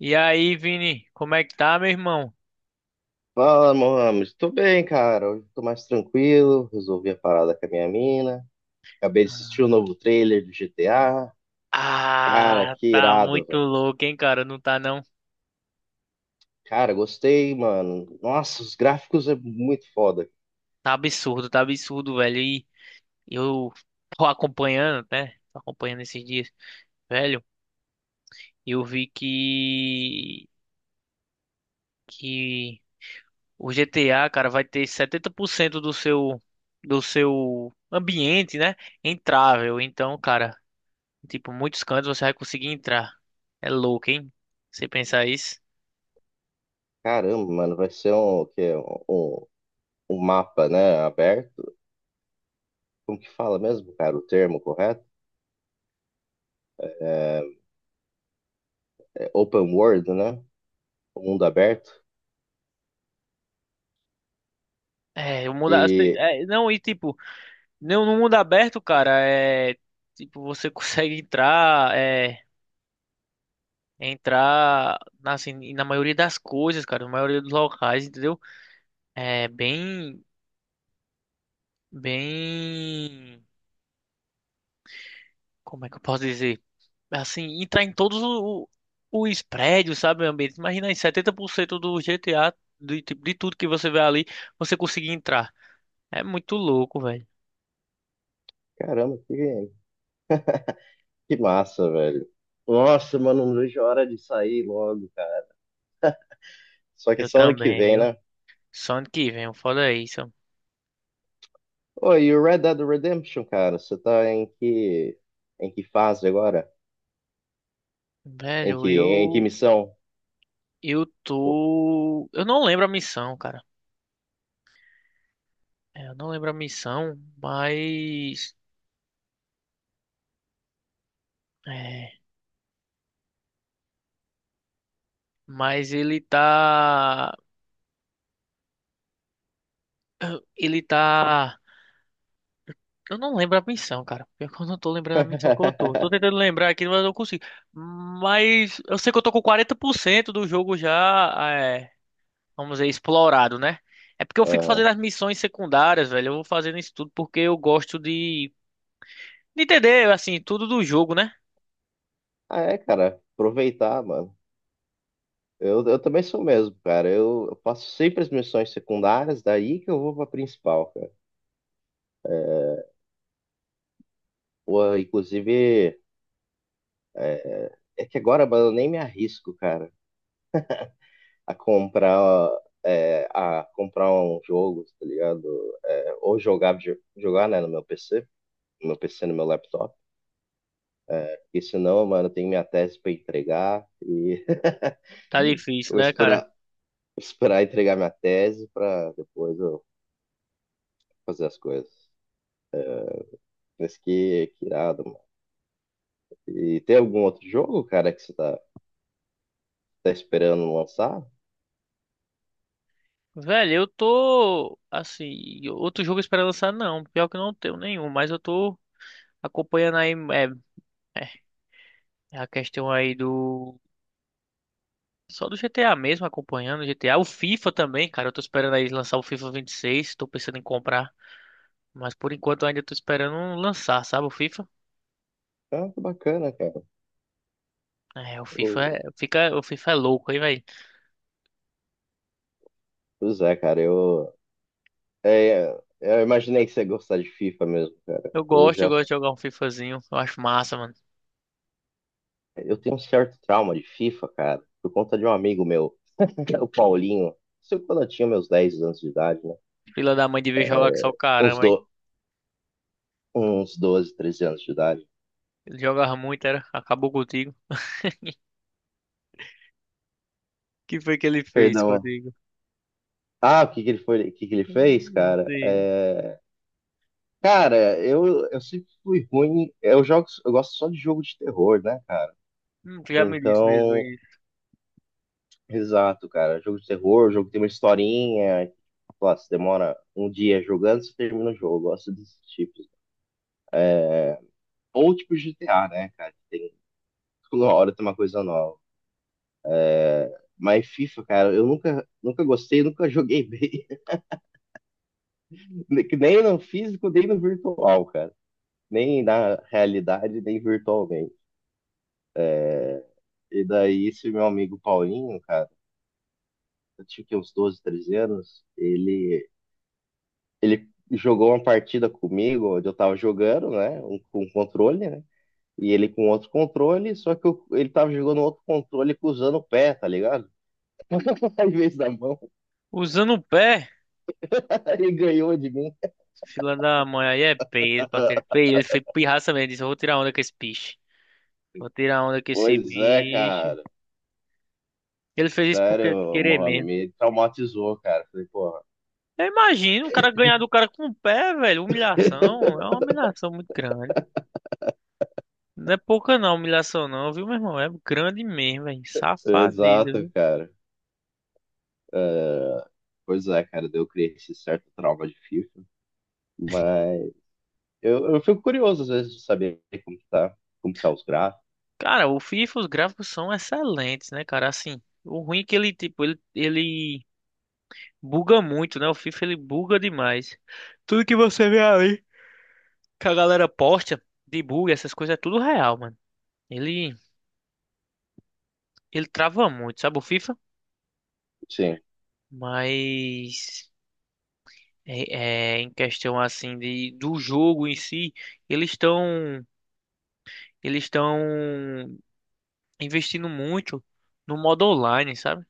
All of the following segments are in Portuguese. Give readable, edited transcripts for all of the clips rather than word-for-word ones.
E aí, Vini, como é que tá, meu irmão? Fala, Mohamed. Tô bem, cara. Hoje tô mais tranquilo. Resolvi a parada com a minha mina. Acabei de assistir o novo trailer do GTA. Cara, Ah, que tá irado, muito velho. louco, hein, cara? Não tá não. Cara, gostei, mano. Nossa, os gráficos é muito foda. Tá absurdo, velho. E eu tô acompanhando, né? Tô acompanhando esses dias, velho. Eu vi que o GTA, cara, vai ter 70% do seu ambiente, né? Entrável. Então, cara, tipo, muitos cantos você vai conseguir entrar. É louco, hein? Você pensar isso? Caramba, mano, vai ser um, o quê? Um mapa, né, aberto. Como que fala mesmo, cara, o termo correto? É é open world, né? O mundo aberto. É, eu mudar. E, É, não, e tipo, não, no mundo aberto, cara, é tipo, você consegue entrar, é entrar na, assim, na maioria das coisas, cara, na maioria dos locais, entendeu? É bem, como é que eu posso dizer? Assim, entrar em os prédios, sabe, meu ambiente? Imagina aí, 70% do GTA, do, tipo, de tudo que você vê ali, você conseguir entrar. É muito louco, velho. caramba, que massa, velho. Nossa, mano, não vejo a hora de sair logo. Só que Eu só ano que também, vem, viu? né? Só ano que vem, foda isso. Oi, e o Red Dead Redemption, cara, você tá em que fase agora? Velho, Em que eu. missão? Eu Pô. tô. Eu não lembro a missão, cara. É, eu não lembro a missão, mas. É. Mas ele tá. Ele tá. Eu não lembro a missão, cara. Pior que eu não tô lembrando a missão que eu tô. Tô tentando lembrar aqui, mas eu não consigo. Mas eu sei que eu tô com 40% do jogo já, é, vamos dizer, explorado, né? É porque eu fico Aham. fazendo as missões secundárias, velho. Eu vou fazendo isso tudo porque eu gosto de entender, assim, tudo do jogo, né? Ah, é, cara, aproveitar, mano. Eu também sou o mesmo, cara. Eu faço sempre as missões secundárias, daí que eu vou pra principal, cara. Pô, inclusive, é, é que agora, mano, eu nem me arrisco, cara, a comprar, a comprar um jogo, tá ligado? É, ou jogar, jogar, né, no meu PC. No PC, no meu laptop. E se não, mano, eu tenho minha tese para entregar e Tá difícil, vou né, cara? esperar, esperar entregar minha tese para depois eu fazer as coisas. Mas que irado, mano. E tem algum outro jogo, cara, que você tá, tá esperando lançar? Velho, eu tô assim, outro jogo esperando lançar não, pior que eu não tenho nenhum, mas eu tô acompanhando aí a questão aí do só do GTA mesmo, acompanhando o GTA, o FIFA também, cara, eu tô esperando aí lançar o FIFA 26, tô pensando em comprar, mas por enquanto eu ainda tô esperando lançar, sabe, o FIFA? Ah, que bacana, cara. É, o FIFA é, O- fica, o FIFA é louco, aí velho. Pois é, cara, eu, é, eu imaginei que você ia gostar de FIFA mesmo, cara. Eu Eu já, gosto de jogar um FIFAzinho, eu acho massa, mano. eu tenho um certo trauma de FIFA, cara, por conta de um amigo meu, o Paulinho. Isso quando eu tinha meus 10 anos de idade, né? Filha da mãe devia jogar que só o é, uns, caramba, hein. do, uns 12 13 anos de idade. Ele jogava muito, era, acabou contigo. O que foi que ele fez Perdão. contigo? Ah, o que que ele foi, o que que ele fez, Não cara? sei. É, cara, eu sempre fui ruim. Eu jogo, eu gosto só de jogo de terror, né, cara? Tu já me disse mesmo Então, aí. exato, cara. Jogo de terror, jogo que tem uma historinha. Que, sei você demora um dia jogando, você termina o jogo. Eu gosto desses tipos. É, ou tipo G T GTA, né, cara? Tem, toda hora tem uma coisa nova. Mas FIFA, cara, eu nunca, nunca gostei, nunca joguei bem. Nem no físico, nem no virtual, cara. Nem na realidade, nem virtualmente. E daí, esse meu amigo Paulinho, cara, eu tinha que uns 12, 13 anos, ele, ele jogou uma partida comigo, onde eu tava jogando, né? Um, com um controle, né? E ele com outro controle, só que ele tava jogando outro controle com usando o pé, tá ligado? Em vez da mão. Usando o pé, Ele ganhou de mim. fila da mãe aí é peso pra ser feio. Ele foi pirraça mesmo. Disse: eu vou tirar onda com esse bicho. Vou tirar onda com esse Pois é, bicho. cara. Ele fez isso porque Sério, querer Mohamed, mesmo. me traumatizou, cara. Falei, porra. Eu imagino o cara ganhar do cara com o pé, velho. Humilhação. É uma humilhação muito grande. Não é pouca não, humilhação não, viu, meu irmão? É grande mesmo, velho. Safadeza, Exato, viu? cara. Uh, pois é, cara, eu criei esse certo trauma de FIFA. Mas eu fico curioso às vezes de saber como que tá os gráficos. Cara, o FIFA, os gráficos são excelentes, né, cara? Assim, o ruim é que ele, tipo, ele buga muito, né? O FIFA ele buga demais. Tudo que você vê ali, que a galera posta de bug, essas coisas, é tudo real, mano. Ele, ele trava muito, sabe o FIFA? Sim. Mas é, é, em questão assim de do jogo em si, eles estão eles estão investindo muito no modo online, sabe?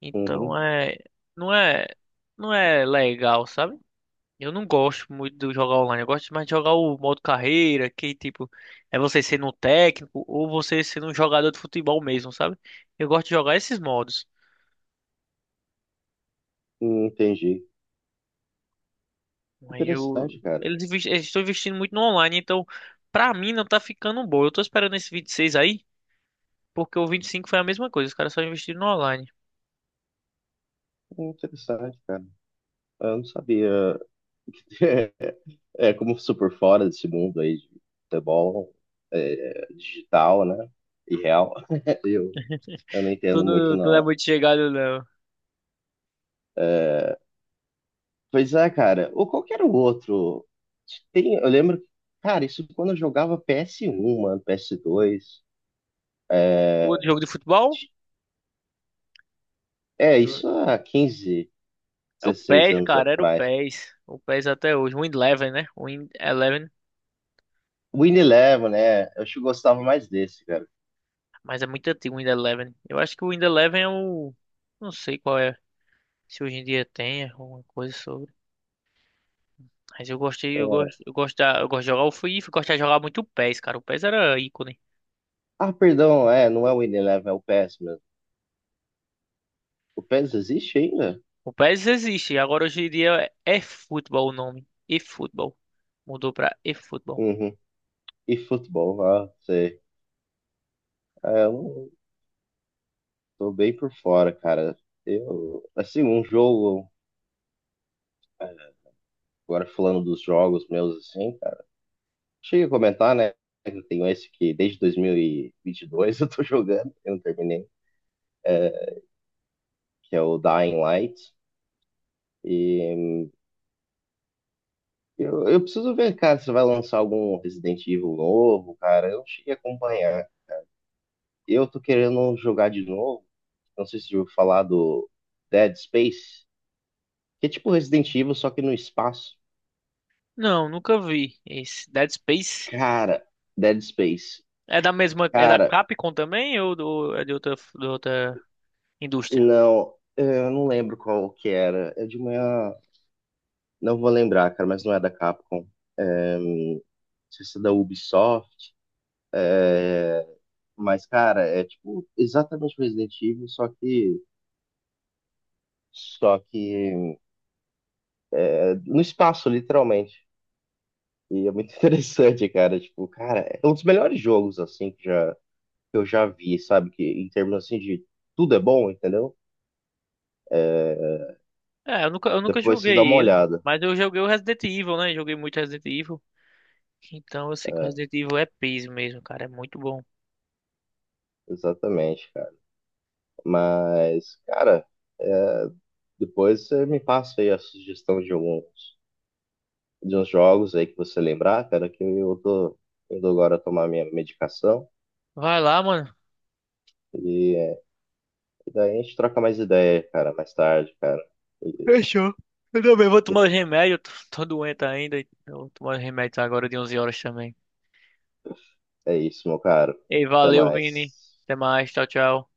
Então Uhum. é não é não é legal, sabe? Eu não gosto muito de jogar online. Eu gosto mais de jogar o modo carreira, que tipo, é você sendo um técnico ou você sendo um jogador de futebol mesmo, sabe? Eu gosto de jogar esses modos. Entendi. Mas eu, Interessante, cara. eles, eles estão investindo muito no online, então pra mim não tá ficando bom. Eu tô esperando esse 26 aí, porque o 25 foi a mesma coisa. Os caras só investiram no online. Interessante, cara. Eu não sabia. É como super fora desse mundo aí de futebol, é, digital, né? E real. Eu, eu não entendo muito, Tu não é não. muito chegado, não. Pois é, cara. Ou qualquer outro. Tem, eu lembro, cara, isso quando eu jogava PS1, mano, PS2. O É, outro jogo de futebol? é Eu- isso há quinze É o dezesseis PES, anos cara. Era o atrás. PES. O PES até hoje. O Win Eleven, né? O Win Eleven. Win Eleven, né? Eu acho que eu gostava mais desse, cara. Mas é muito antigo o Windows Eleven. Eu acho que o Windows Eleven é o. Não sei qual é. Se hoje em dia tem alguma coisa sobre. Mas eu gostei, eu gosto, eu gosto, eu gosto de jogar o FIFA, eu gosto de jogar muito o PES, cara. O PES era ícone. Ah, perdão, é, não é o Win Eleven, é o PES mesmo. O PES existe ainda? O PES existe, agora hoje em dia é futebol o nome. E-futebol. Mudou pra e-futebol. Uhum. E futebol, ah, sei. É, eu não- tô bem por fora, cara. Eu, assim, um jogo, é, agora falando dos jogos meus, assim. Cheguei a comentar, né? Eu tenho esse que desde dois mil e vinte e dois eu tô jogando, eu não terminei, é, que é o Dying Light. E eu preciso ver, cara, se vai lançar algum Resident Evil novo, cara. Eu não cheguei a acompanhar. Eu tô querendo jogar de novo. Não sei se eu vou falar do Dead Space, que é tipo Resident Evil, só que no espaço. Não, nunca vi esse. Dead Space Cara, Dead Space. é da mesma, é da Cara, Capcom também ou do, é de outra indústria? não, eu não lembro qual que era. É de uma. Não vou lembrar, cara, mas não é da Capcom. Não sei se é da Ubisoft. É, mas, cara, é tipo exatamente Resident Evil, só que é, no espaço, literalmente. E é muito interessante, cara. Tipo, cara, é um dos melhores jogos, assim, que, já, que eu já vi, sabe? Que em termos, assim, de tudo é bom, entendeu? É, É, eu nunca depois vocês dão uma joguei ele, olhada. mas eu joguei o Resident Evil, né? Joguei muito Resident Evil. Então eu sei que o É, Resident Evil é peso mesmo, cara. É muito bom. exatamente, cara. Mas, cara, é, depois você me passa aí a sugestão de alguns de uns jogos aí que você lembrar, cara, que eu tô indo agora tomar minha medicação Vai lá, mano. e, é, e daí a gente troca mais ideia, cara, mais tarde, cara. E Fechou. Eu também vou tomar os remédios. Tô, tô doente ainda. Então eu vou tomar os remédios agora de 11 horas também. é isso, meu caro. Ei, Até valeu, Vini. mais. Até mais. Tchau, tchau.